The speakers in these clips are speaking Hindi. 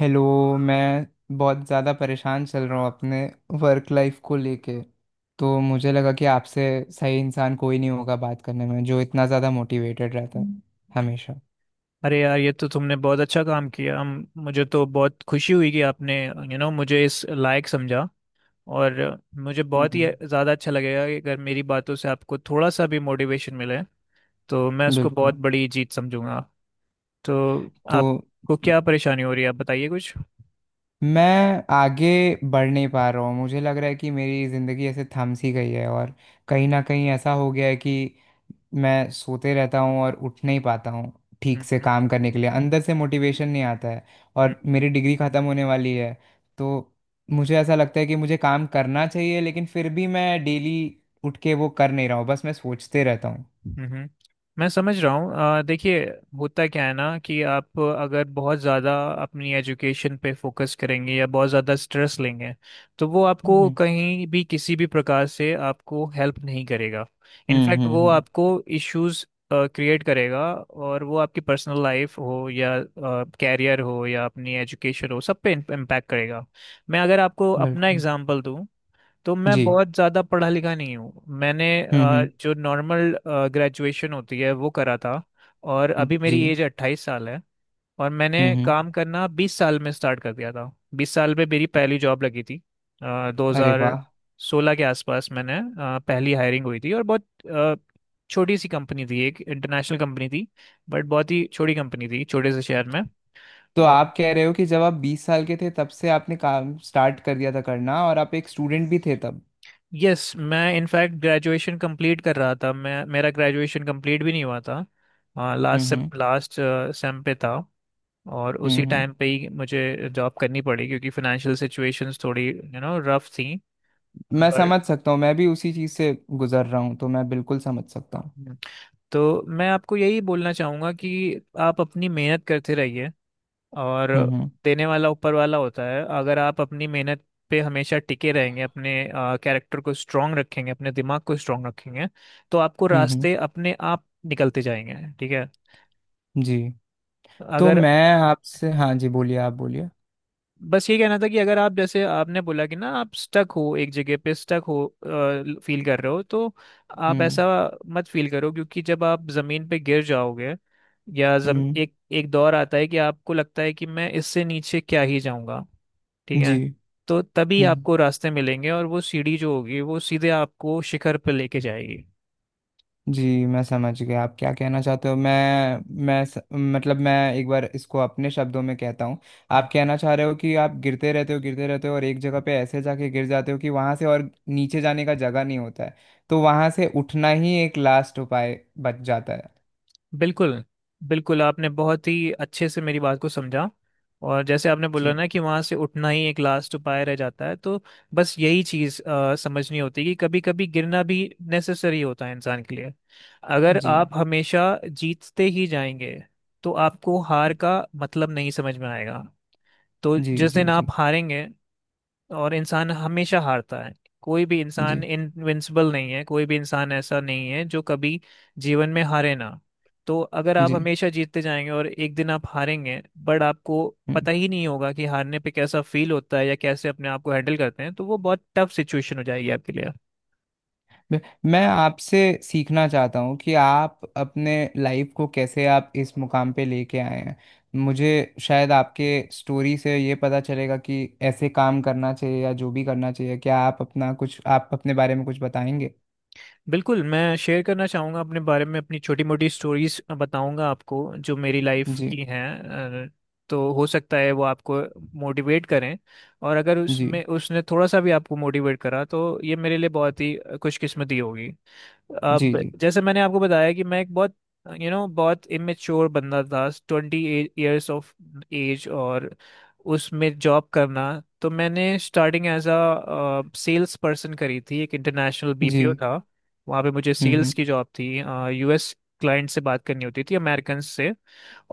हेलो। मैं बहुत ज़्यादा परेशान चल रहा हूँ अपने वर्क लाइफ को लेके। तो मुझे लगा कि आपसे सही इंसान कोई नहीं होगा बात करने में, जो इतना ज़्यादा मोटिवेटेड रहता है। हम्म। हमेशा। अरे यार, ये तो तुमने बहुत अच्छा काम किया हम। मुझे तो बहुत खुशी हुई कि आपने मुझे इस लायक समझा। और मुझे बहुत ही हम्म। ज़्यादा अच्छा लगेगा कि अगर मेरी बातों से आपको थोड़ा सा भी मोटिवेशन मिले तो मैं उसको बहुत बिल्कुल। बड़ी जीत समझूंगा। तो तो आपको क्या परेशानी हो रही है, आप बताइए कुछ। मैं आगे बढ़ नहीं पा रहा हूँ। मुझे लग रहा है कि मेरी ज़िंदगी ऐसे थम सी गई है, और कहीं ना कहीं ऐसा हो गया है कि मैं सोते रहता हूँ और उठ नहीं पाता हूँ। ठीक हम्म, से हम्म, काम करने के लिए अंदर से मोटिवेशन नहीं आता है। और मेरी डिग्री ख़त्म होने वाली है, तो मुझे ऐसा लगता है कि मुझे काम करना चाहिए, लेकिन फिर भी मैं डेली उठ के वो कर नहीं रहा हूँ, बस मैं सोचते रहता हूँ। हम्म। मैं समझ रहा हूँ। देखिए, होता क्या है ना, कि आप अगर बहुत ज़्यादा अपनी एजुकेशन पे फोकस करेंगे या बहुत ज़्यादा स्ट्रेस लेंगे तो वो आपको हम्म। कहीं भी किसी भी प्रकार से आपको हेल्प नहीं करेगा। हम्म। इनफैक्ट हम्म। वो आपको इश्यूज क्रिएट करेगा, और वो आपकी पर्सनल लाइफ हो या कैरियर हो या अपनी एजुकेशन हो सब पे इम्पैक्ट करेगा। मैं अगर आपको अपना बिल्कुल। एग्जांपल दूं तो मैं जी। बहुत ज़्यादा पढ़ा लिखा नहीं हूँ। मैंने हम्म। हम्म। जो नॉर्मल ग्रेजुएशन होती है वो करा था। और अभी मेरी जी। एज 28 साल है। और मैंने हम्म। हम्म। काम करना 20 साल में स्टार्ट कर दिया था, 20 साल में मेरी पहली जॉब लगी थी। दो अरे हज़ार वाह! सोलह के आसपास मैंने पहली हायरिंग हुई थी, और बहुत अ, छोटी सी कंपनी थी, एक इंटरनेशनल कंपनी थी। बट बहुत ही छोटी कंपनी थी, छोटे से शहर तो में। आप कह रहे हो कि जब आप 20 साल के थे, तब से आपने काम स्टार्ट कर दिया था करना, और आप एक स्टूडेंट भी थे तब। यस, मैं इनफैक्ट ग्रेजुएशन कंप्लीट कर रहा था, मैं मेरा ग्रेजुएशन कंप्लीट भी नहीं हुआ था। हम्म। हम्म। लास्ट सेम पे था। और उसी हम्म। हम्म। टाइम पे ही मुझे जॉब करनी पड़ी, क्योंकि फाइनेंशियल सिचुएशंस थोड़ी रफ थी। मैं बट समझ सकता हूँ। मैं भी उसी चीज़ से गुजर रहा हूँ, तो मैं बिल्कुल समझ सकता हूँ। तो मैं आपको यही बोलना चाहूँगा कि आप अपनी मेहनत करते रहिए, और हम्म। हम्म। देने वाला ऊपर वाला होता है। अगर आप अपनी मेहनत पे हमेशा टिके रहेंगे, अपने कैरेक्टर को स्ट्रांग रखेंगे, अपने दिमाग को स्ट्रांग रखेंगे, तो आपको हम्म। हम्म। रास्ते अपने आप निकलते जाएंगे। ठीक है। जी। तो अगर मैं आपसे। हाँ जी, बोलिए, आप बोलिए। बस ये कहना था कि अगर आप, जैसे आपने बोला कि ना, आप स्टक हो, एक जगह पे स्टक हो फील कर रहे हो, तो आप हम्म। ऐसा मत फील करो, क्योंकि जब आप ज़मीन पे गिर जाओगे या हम्म। एक एक दौर आता है कि आपको लगता है कि मैं इससे नीचे क्या ही जाऊंगा। ठीक है। जी। तो तभी हम्म। आपको रास्ते मिलेंगे, और वो सीढ़ी जो होगी वो सीधे आपको शिखर पर लेके जाएगी। जी, मैं समझ गया आप क्या कहना चाहते हो। मतलब, मैं एक बार इसको अपने शब्दों में कहता हूँ। आप हम्म। कहना चाह रहे हो कि आप गिरते रहते हो गिरते रहते हो, और एक जगह पे ऐसे जाके गिर जाते हो कि वहां से और नीचे जाने का जगह नहीं होता है। तो वहां से उठना ही एक लास्ट उपाय बच जाता है। बिल्कुल, बिल्कुल, आपने बहुत ही अच्छे से मेरी बात को समझा। और जैसे आपने बोला जी। ना कि वहाँ से उठना ही एक लास्ट उपाय रह जाता है, तो बस यही चीज़ समझनी होती है कि कभी कभी गिरना भी नेसेसरी होता है इंसान के लिए। अगर जी। आप हमेशा जीतते ही जाएंगे तो आपको हार का मतलब नहीं समझ में आएगा। तो जी। जिस जी। दिन आप जी। हारेंगे, और इंसान हमेशा हारता है, कोई भी इंसान जी। इनविंसिबल नहीं है, कोई भी इंसान ऐसा नहीं है जो कभी जीवन में हारे ना। तो अगर आप जी। हमेशा जीतते जाएंगे और एक दिन आप हारेंगे, बट आपको जी। पता ही नहीं होगा कि हारने पे कैसा फील होता है या कैसे अपने आप को हैंडल करते हैं, तो वो बहुत टफ सिचुएशन हो जाएगी आपके लिए। मैं मैं आपसे सीखना चाहता हूँ कि आप अपने लाइफ को कैसे आप इस मुकाम पे लेके आए हैं। मुझे शायद आपके स्टोरी से ये पता चलेगा कि ऐसे काम करना चाहिए, या जो भी करना चाहिए। क्या आप अपने बारे में कुछ बताएंगे? बिल्कुल, मैं शेयर करना चाहूँगा अपने बारे में, अपनी छोटी मोटी स्टोरीज बताऊँगा आपको जो मेरी लाइफ जी। की हैं। तो हो सकता है वो आपको मोटिवेट करें, और अगर जी। उसमें उसने थोड़ा सा भी आपको मोटिवेट करा तो ये मेरे लिए बहुत ही खुशकिस्मती होगी। जी। अब जी। जैसे मैंने आपको बताया कि मैं एक बहुत यू नो बहुत इमेच्योर बंदा था, 20 इयर्स ऑफ एज, और उसमें जॉब करना। तो मैंने starting as a sales person करी थी, एक इंटरनेशनल बीपीओ जी। था। वहाँ पे मुझे हम्म। सेल्स हम्म। की जॉब थी, यूएस क्लाइंट से बात करनी होती थी, अमेरिकन से।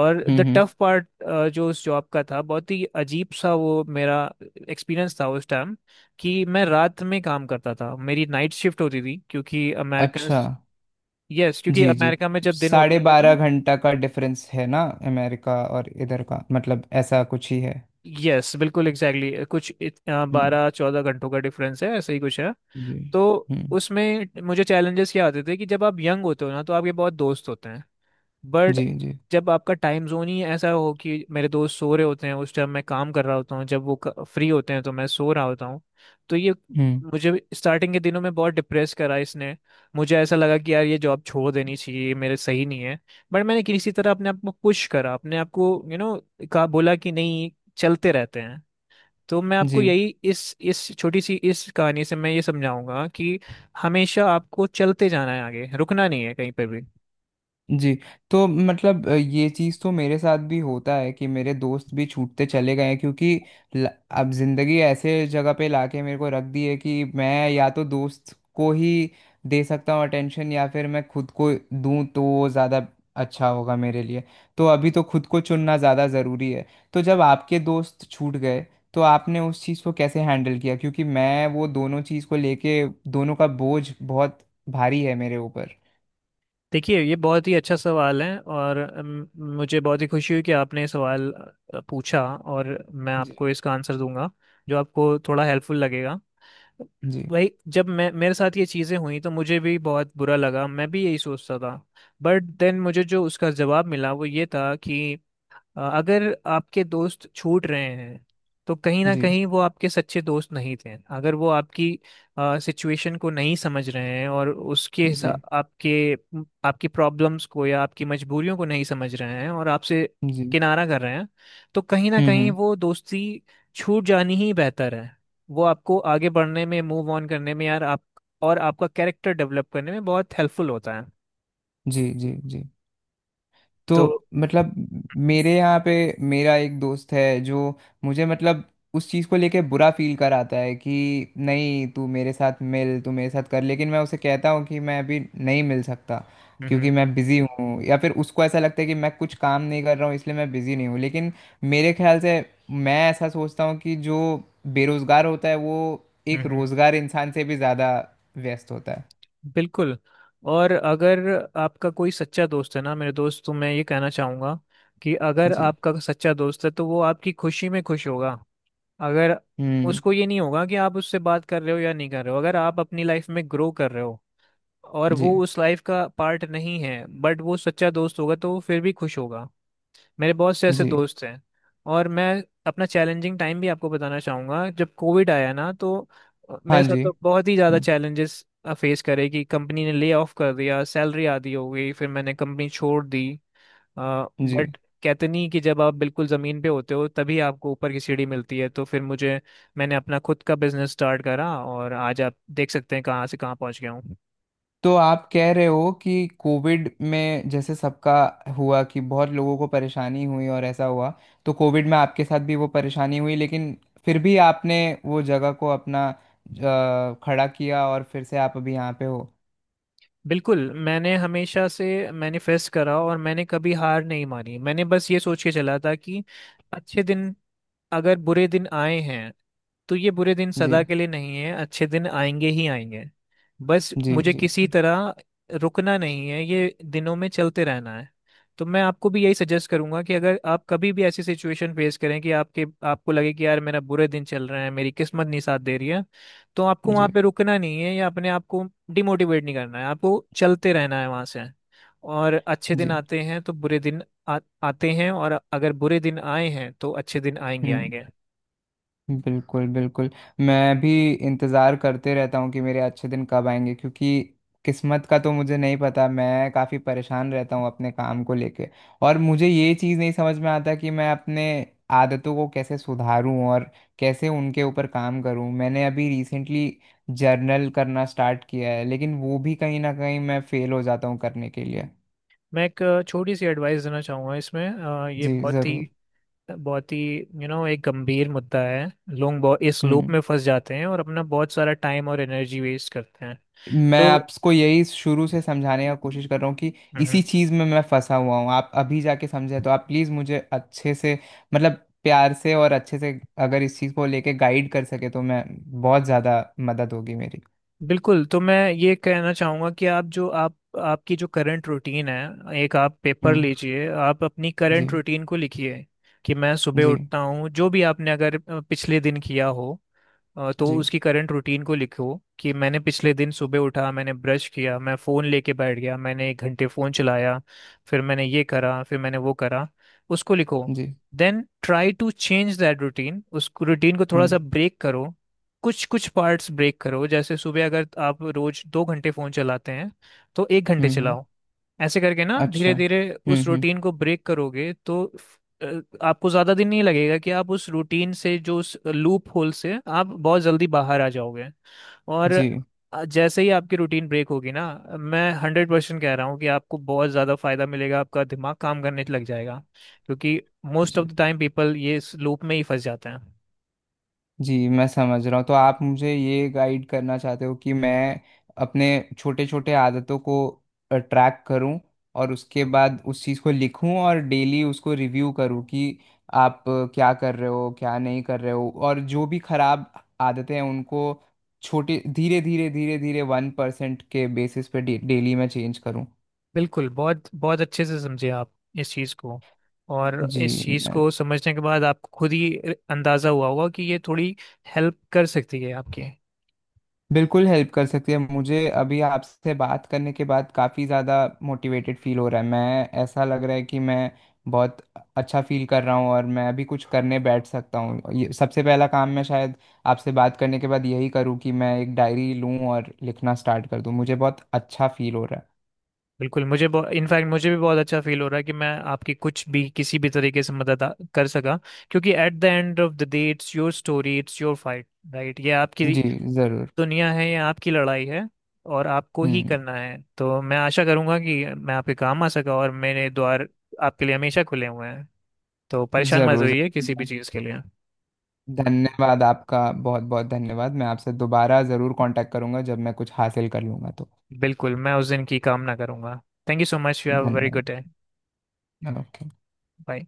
और हम्म। द टफ पार्ट जो उस जॉब का था, बहुत ही अजीब सा वो मेरा एक्सपीरियंस था उस टाइम, कि मैं रात में काम करता था, मेरी नाइट शिफ्ट होती थी, क्योंकि अमेरिकन, अच्छा। यस, क्योंकि जी। जी। अमेरिका में जब दिन होता साढ़े है बारह ना, घंटा का डिफरेंस है ना, अमेरिका और इधर का, मतलब ऐसा कुछ ही है। यस, बिल्कुल एग्जैक्टली कुछ हम्म। 12-14 घंटों का डिफरेंस है, ऐसा ही कुछ है। जी। तो हम्म। उसमें मुझे चैलेंजेस क्या आते थे कि जब आप यंग होते हो ना, तो आपके बहुत दोस्त होते हैं। बट जी। जी। जब आपका टाइम जोन ही ऐसा हो कि मेरे दोस्त सो रहे होते हैं उस टाइम मैं काम कर रहा होता हूँ, जब वो फ्री होते हैं तो मैं सो रहा होता हूँ, तो ये हम्म। मुझे स्टार्टिंग के दिनों में बहुत डिप्रेस करा इसने। मुझे ऐसा लगा कि यार, ये जॉब छोड़ देनी चाहिए, ये मेरे सही नहीं है। बट मैंने किसी तरह अपने आप को पुश करा, अपने आप को कहा, बोला कि नहीं, चलते रहते हैं। तो मैं आपको जी। यही इस छोटी सी इस कहानी से मैं ये समझाऊंगा कि हमेशा आपको चलते जाना है, आगे रुकना नहीं है कहीं पर भी। जी। तो मतलब ये चीज़ तो मेरे साथ भी होता है कि मेरे दोस्त भी छूटते चले गए हैं, क्योंकि ल- अब ज़िंदगी ऐसे जगह पे लाके मेरे को रख दी है कि मैं या तो दोस्त को ही दे सकता हूँ अटेंशन, या फिर मैं खुद को दूँ, तो वो ज़्यादा अच्छा होगा मेरे लिए। तो अभी तो खुद को चुनना ज़्यादा ज़रूरी है। तो जब आपके दोस्त छूट गए, तो आपने उस चीज़ को कैसे हैंडल किया, क्योंकि मैं वो दोनों चीज़ को लेके, दोनों का बोझ बहुत भारी है मेरे ऊपर। देखिए, ये बहुत ही अच्छा सवाल है, और मुझे बहुत ही खुशी हुई कि आपने ये सवाल पूछा, और मैं जी। आपको इसका आंसर दूंगा जो आपको थोड़ा हेल्पफुल लगेगा। जी। भाई, जब मैं मेरे साथ ये चीज़ें हुई तो मुझे भी बहुत बुरा लगा, मैं भी यही सोचता था। बट देन मुझे जो उसका जवाब मिला वो ये था कि अगर आपके दोस्त छूट रहे हैं, तो कहीं ना जी। कहीं वो आपके सच्चे दोस्त नहीं थे। अगर वो आपकी सिचुएशन को नहीं समझ रहे हैं, और उसके हिसा- जी। आपके आपकी प्रॉब्लम्स को या आपकी मजबूरियों को नहीं समझ रहे हैं और आपसे जी। किनारा कर रहे हैं, तो कहीं ना हम्म। कहीं हम्म। वो दोस्ती छूट जानी ही बेहतर है। वो आपको आगे बढ़ने में, मूव ऑन करने में, यार, आप और आपका कैरेक्टर डेवलप करने में बहुत हेल्पफुल होता है। जी। जी। जी। तो तो मतलब, मेरे यहाँ पे मेरा एक दोस्त है जो मुझे, मतलब, उस चीज़ को लेके बुरा फील कराता है कि नहीं तू मेरे साथ मिल, तू मेरे साथ कर, लेकिन मैं उसे कहता हूँ कि मैं अभी नहीं मिल सकता हम्म, हम्म, क्योंकि मैं बिज़ी हूँ, या फिर उसको ऐसा लगता है कि मैं कुछ काम नहीं कर रहा हूँ, इसलिए मैं बिज़ी नहीं हूँ। लेकिन मेरे ख्याल से, मैं ऐसा सोचता हूँ कि जो बेरोज़गार होता है वो एक हम्म, रोज़गार इंसान से भी ज़्यादा व्यस्त होता है। बिल्कुल। और अगर आपका कोई सच्चा दोस्त है ना, मेरे दोस्त, तो मैं ये कहना चाहूँगा कि अगर जी। आपका सच्चा दोस्त है तो वो आपकी खुशी में खुश होगा। अगर हम्म। उसको ये नहीं होगा कि आप उससे बात कर रहे हो या नहीं कर रहे हो, अगर आप अपनी लाइफ में ग्रो कर रहे हो और वो जी। उस लाइफ का पार्ट नहीं है, बट वो सच्चा दोस्त होगा तो वो फिर भी खुश होगा। मेरे बहुत से ऐसे जी। दोस्त हैं। और मैं अपना चैलेंजिंग टाइम भी आपको बताना चाहूँगा। जब कोविड आया ना, तो हाँ मेरे साथ जी। तो बहुत ही ज़्यादा हम्म, चैलेंजेस फेस करे कि कंपनी ने ले ऑफ कर दिया, सैलरी आधी हो गई, फिर मैंने कंपनी छोड़ दी। जी। बट कहते नहीं कि जब आप बिल्कुल ज़मीन पे होते हो तभी आपको ऊपर की सीढ़ी मिलती है। तो फिर मुझे मैंने अपना खुद का बिजनेस स्टार्ट करा, और आज आप देख सकते हैं कहाँ से कहाँ पहुँच गया हूँ। तो आप कह रहे हो कि कोविड में जैसे सबका हुआ कि बहुत लोगों को परेशानी हुई और ऐसा हुआ, तो कोविड में आपके साथ भी वो परेशानी हुई, लेकिन फिर भी आपने वो जगह को अपना खड़ा किया, और फिर से आप अभी यहाँ पे हो। बिल्कुल। मैंने हमेशा से मैनिफेस्ट करा, और मैंने कभी हार नहीं मानी, मैंने बस ये सोच के चला था कि अच्छे दिन अगर बुरे दिन आए हैं तो ये बुरे दिन सदा जी। के लिए नहीं है, अच्छे दिन आएंगे ही आएंगे। बस जी। मुझे जी। किसी जी। तरह रुकना नहीं है, ये दिनों में चलते रहना है। तो मैं आपको भी यही सजेस्ट करूंगा कि अगर आप कभी भी ऐसी सिचुएशन फेस करें कि आपके आपको लगे कि यार, मेरा बुरे दिन चल रहे हैं, मेरी किस्मत नहीं साथ दे रही है, तो आपको वहाँ जी। पे रुकना नहीं है या अपने आप को डिमोटिवेट नहीं करना है, आपको चलते रहना है वहाँ से। और अच्छे दिन जी। आते हैं तो बुरे दिन आ, आते हैं, और अगर बुरे दिन आए हैं तो अच्छे दिन आएंगे हम्म। आएंगे। बिल्कुल, बिल्कुल। मैं भी इंतज़ार करते रहता हूँ कि मेरे अच्छे दिन कब आएंगे, क्योंकि किस्मत का तो मुझे नहीं पता। मैं काफ़ी परेशान रहता हूँ अपने काम को लेके, और मुझे ये चीज़ नहीं समझ में आता कि मैं अपने आदतों को कैसे सुधारूँ और कैसे उनके ऊपर काम करूँ। मैंने अभी रिसेंटली जर्नल करना स्टार्ट किया है, लेकिन वो भी कहीं ना कहीं मैं फ़ेल हो जाता हूँ करने के लिए। मैं एक छोटी सी एडवाइस देना चाहूँगा इसमें। ये जी, बहुत ज़रूर। ही बहुत ही यू नो एक गंभीर मुद्दा है। लोग बहुत इस लूप में फंस जाते हैं और अपना बहुत सारा टाइम और एनर्जी वेस्ट करते हैं। मैं तो, आपको यही शुरू से समझाने का कोशिश कर रहा हूँ कि इसी चीज़ में मैं फंसा हुआ हूँ। आप अभी जाके समझे, तो आप प्लीज़ मुझे अच्छे से, मतलब प्यार से और अच्छे से, अगर इस चीज़ को लेके गाइड कर सके, तो मैं बहुत ज़्यादा मदद होगी मेरी। बिल्कुल, तो मैं ये कहना चाहूँगा कि आप जो आप आपकी जो करंट रूटीन है, एक आप पेपर हम्म। लीजिए, आप अपनी जी। करंट रूटीन को लिखिए कि मैं सुबह जी। उठता हूँ, जो भी आपने, अगर पिछले दिन किया हो, तो जी। उसकी करंट रूटीन को लिखो कि मैंने पिछले दिन सुबह उठा, मैंने ब्रश किया, मैं फ़ोन लेके बैठ गया, मैंने 1 घंटे फ़ोन चलाया, फिर मैंने ये करा, फिर मैंने वो करा, उसको लिखो। जी। Then try to change that routine, उस रूटीन को थोड़ा हम्म। सा ब्रेक करो। कुछ कुछ पार्ट्स ब्रेक करो, जैसे सुबह अगर आप रोज 2 घंटे फोन चलाते हैं तो 1 घंटे हम्म। चलाओ। ऐसे करके ना, अच्छा। धीरे धीरे हम्म। उस हम्म। रूटीन को ब्रेक करोगे तो आपको ज्यादा दिन नहीं लगेगा, कि आप उस रूटीन से, जो उस लूप होल से आप बहुत जल्दी बाहर आ जाओगे। और जी। जैसे ही आपकी रूटीन ब्रेक होगी ना, मैं 100% कह रहा हूँ कि आपको बहुत ज़्यादा फायदा मिलेगा, आपका दिमाग काम करने लग जाएगा। क्योंकि मोस्ट जी। ऑफ द टाइम पीपल ये इस लूप में ही फंस जाते हैं। जी, मैं समझ रहा हूँ। तो आप मुझे ये गाइड करना चाहते हो कि मैं अपने छोटे छोटे आदतों को ट्रैक करूँ, और उसके बाद उस चीज़ को लिखूँ और डेली उसको रिव्यू करूँ कि आप क्या कर रहे हो, क्या नहीं कर रहे हो, और जो भी खराब आदतें हैं उनको छोटे, धीरे धीरे धीरे धीरे 1% के बेसिस पे डेली मैं चेंज करूँ। बिल्कुल, बहुत बहुत अच्छे से समझे आप इस चीज़ को, और जी। इस चीज़ को समझने के बाद आपको खुद ही अंदाज़ा हुआ होगा कि ये थोड़ी हेल्प कर सकती है आपके। बिल्कुल हेल्प कर सकती है। मुझे अभी आपसे बात करने के बाद काफ़ी ज़्यादा मोटिवेटेड फील हो रहा है। मैं, ऐसा लग रहा है कि मैं बहुत अच्छा फील कर रहा हूँ, और मैं अभी कुछ करने बैठ सकता हूँ। ये सबसे पहला काम मैं शायद आपसे बात करने के बाद यही करूँ कि मैं एक डायरी लूँ और लिखना स्टार्ट कर दूँ। मुझे बहुत अच्छा फील हो रहा बिल्कुल, मुझे इनफैक्ट मुझे भी बहुत अच्छा फील हो रहा है कि मैं आपकी कुछ भी किसी भी तरीके से मदद कर सका। क्योंकि at the end of the day, it's your story, it's your fight, right? ये आपकी है। जी, ज़रूर। दुनिया है, ये आपकी लड़ाई है, और आपको ही हम्म। करना है। तो मैं आशा करूंगा कि मैं आपके काम आ सका, और मेरे द्वार आपके लिए हमेशा खुले हुए हैं। तो परेशान मत ज़रूर, होइए किसी भी ज़रूर। चीज़ के लिए। धन्यवाद, आपका बहुत बहुत धन्यवाद। मैं आपसे दोबारा ज़रूर कांटेक्ट करूँगा जब मैं कुछ हासिल कर लूँगा तो। बिल्कुल, मैं उस दिन की कामना करूंगा। Thank you so much, you have a very धन्यवाद। Good day. ओके। बाय।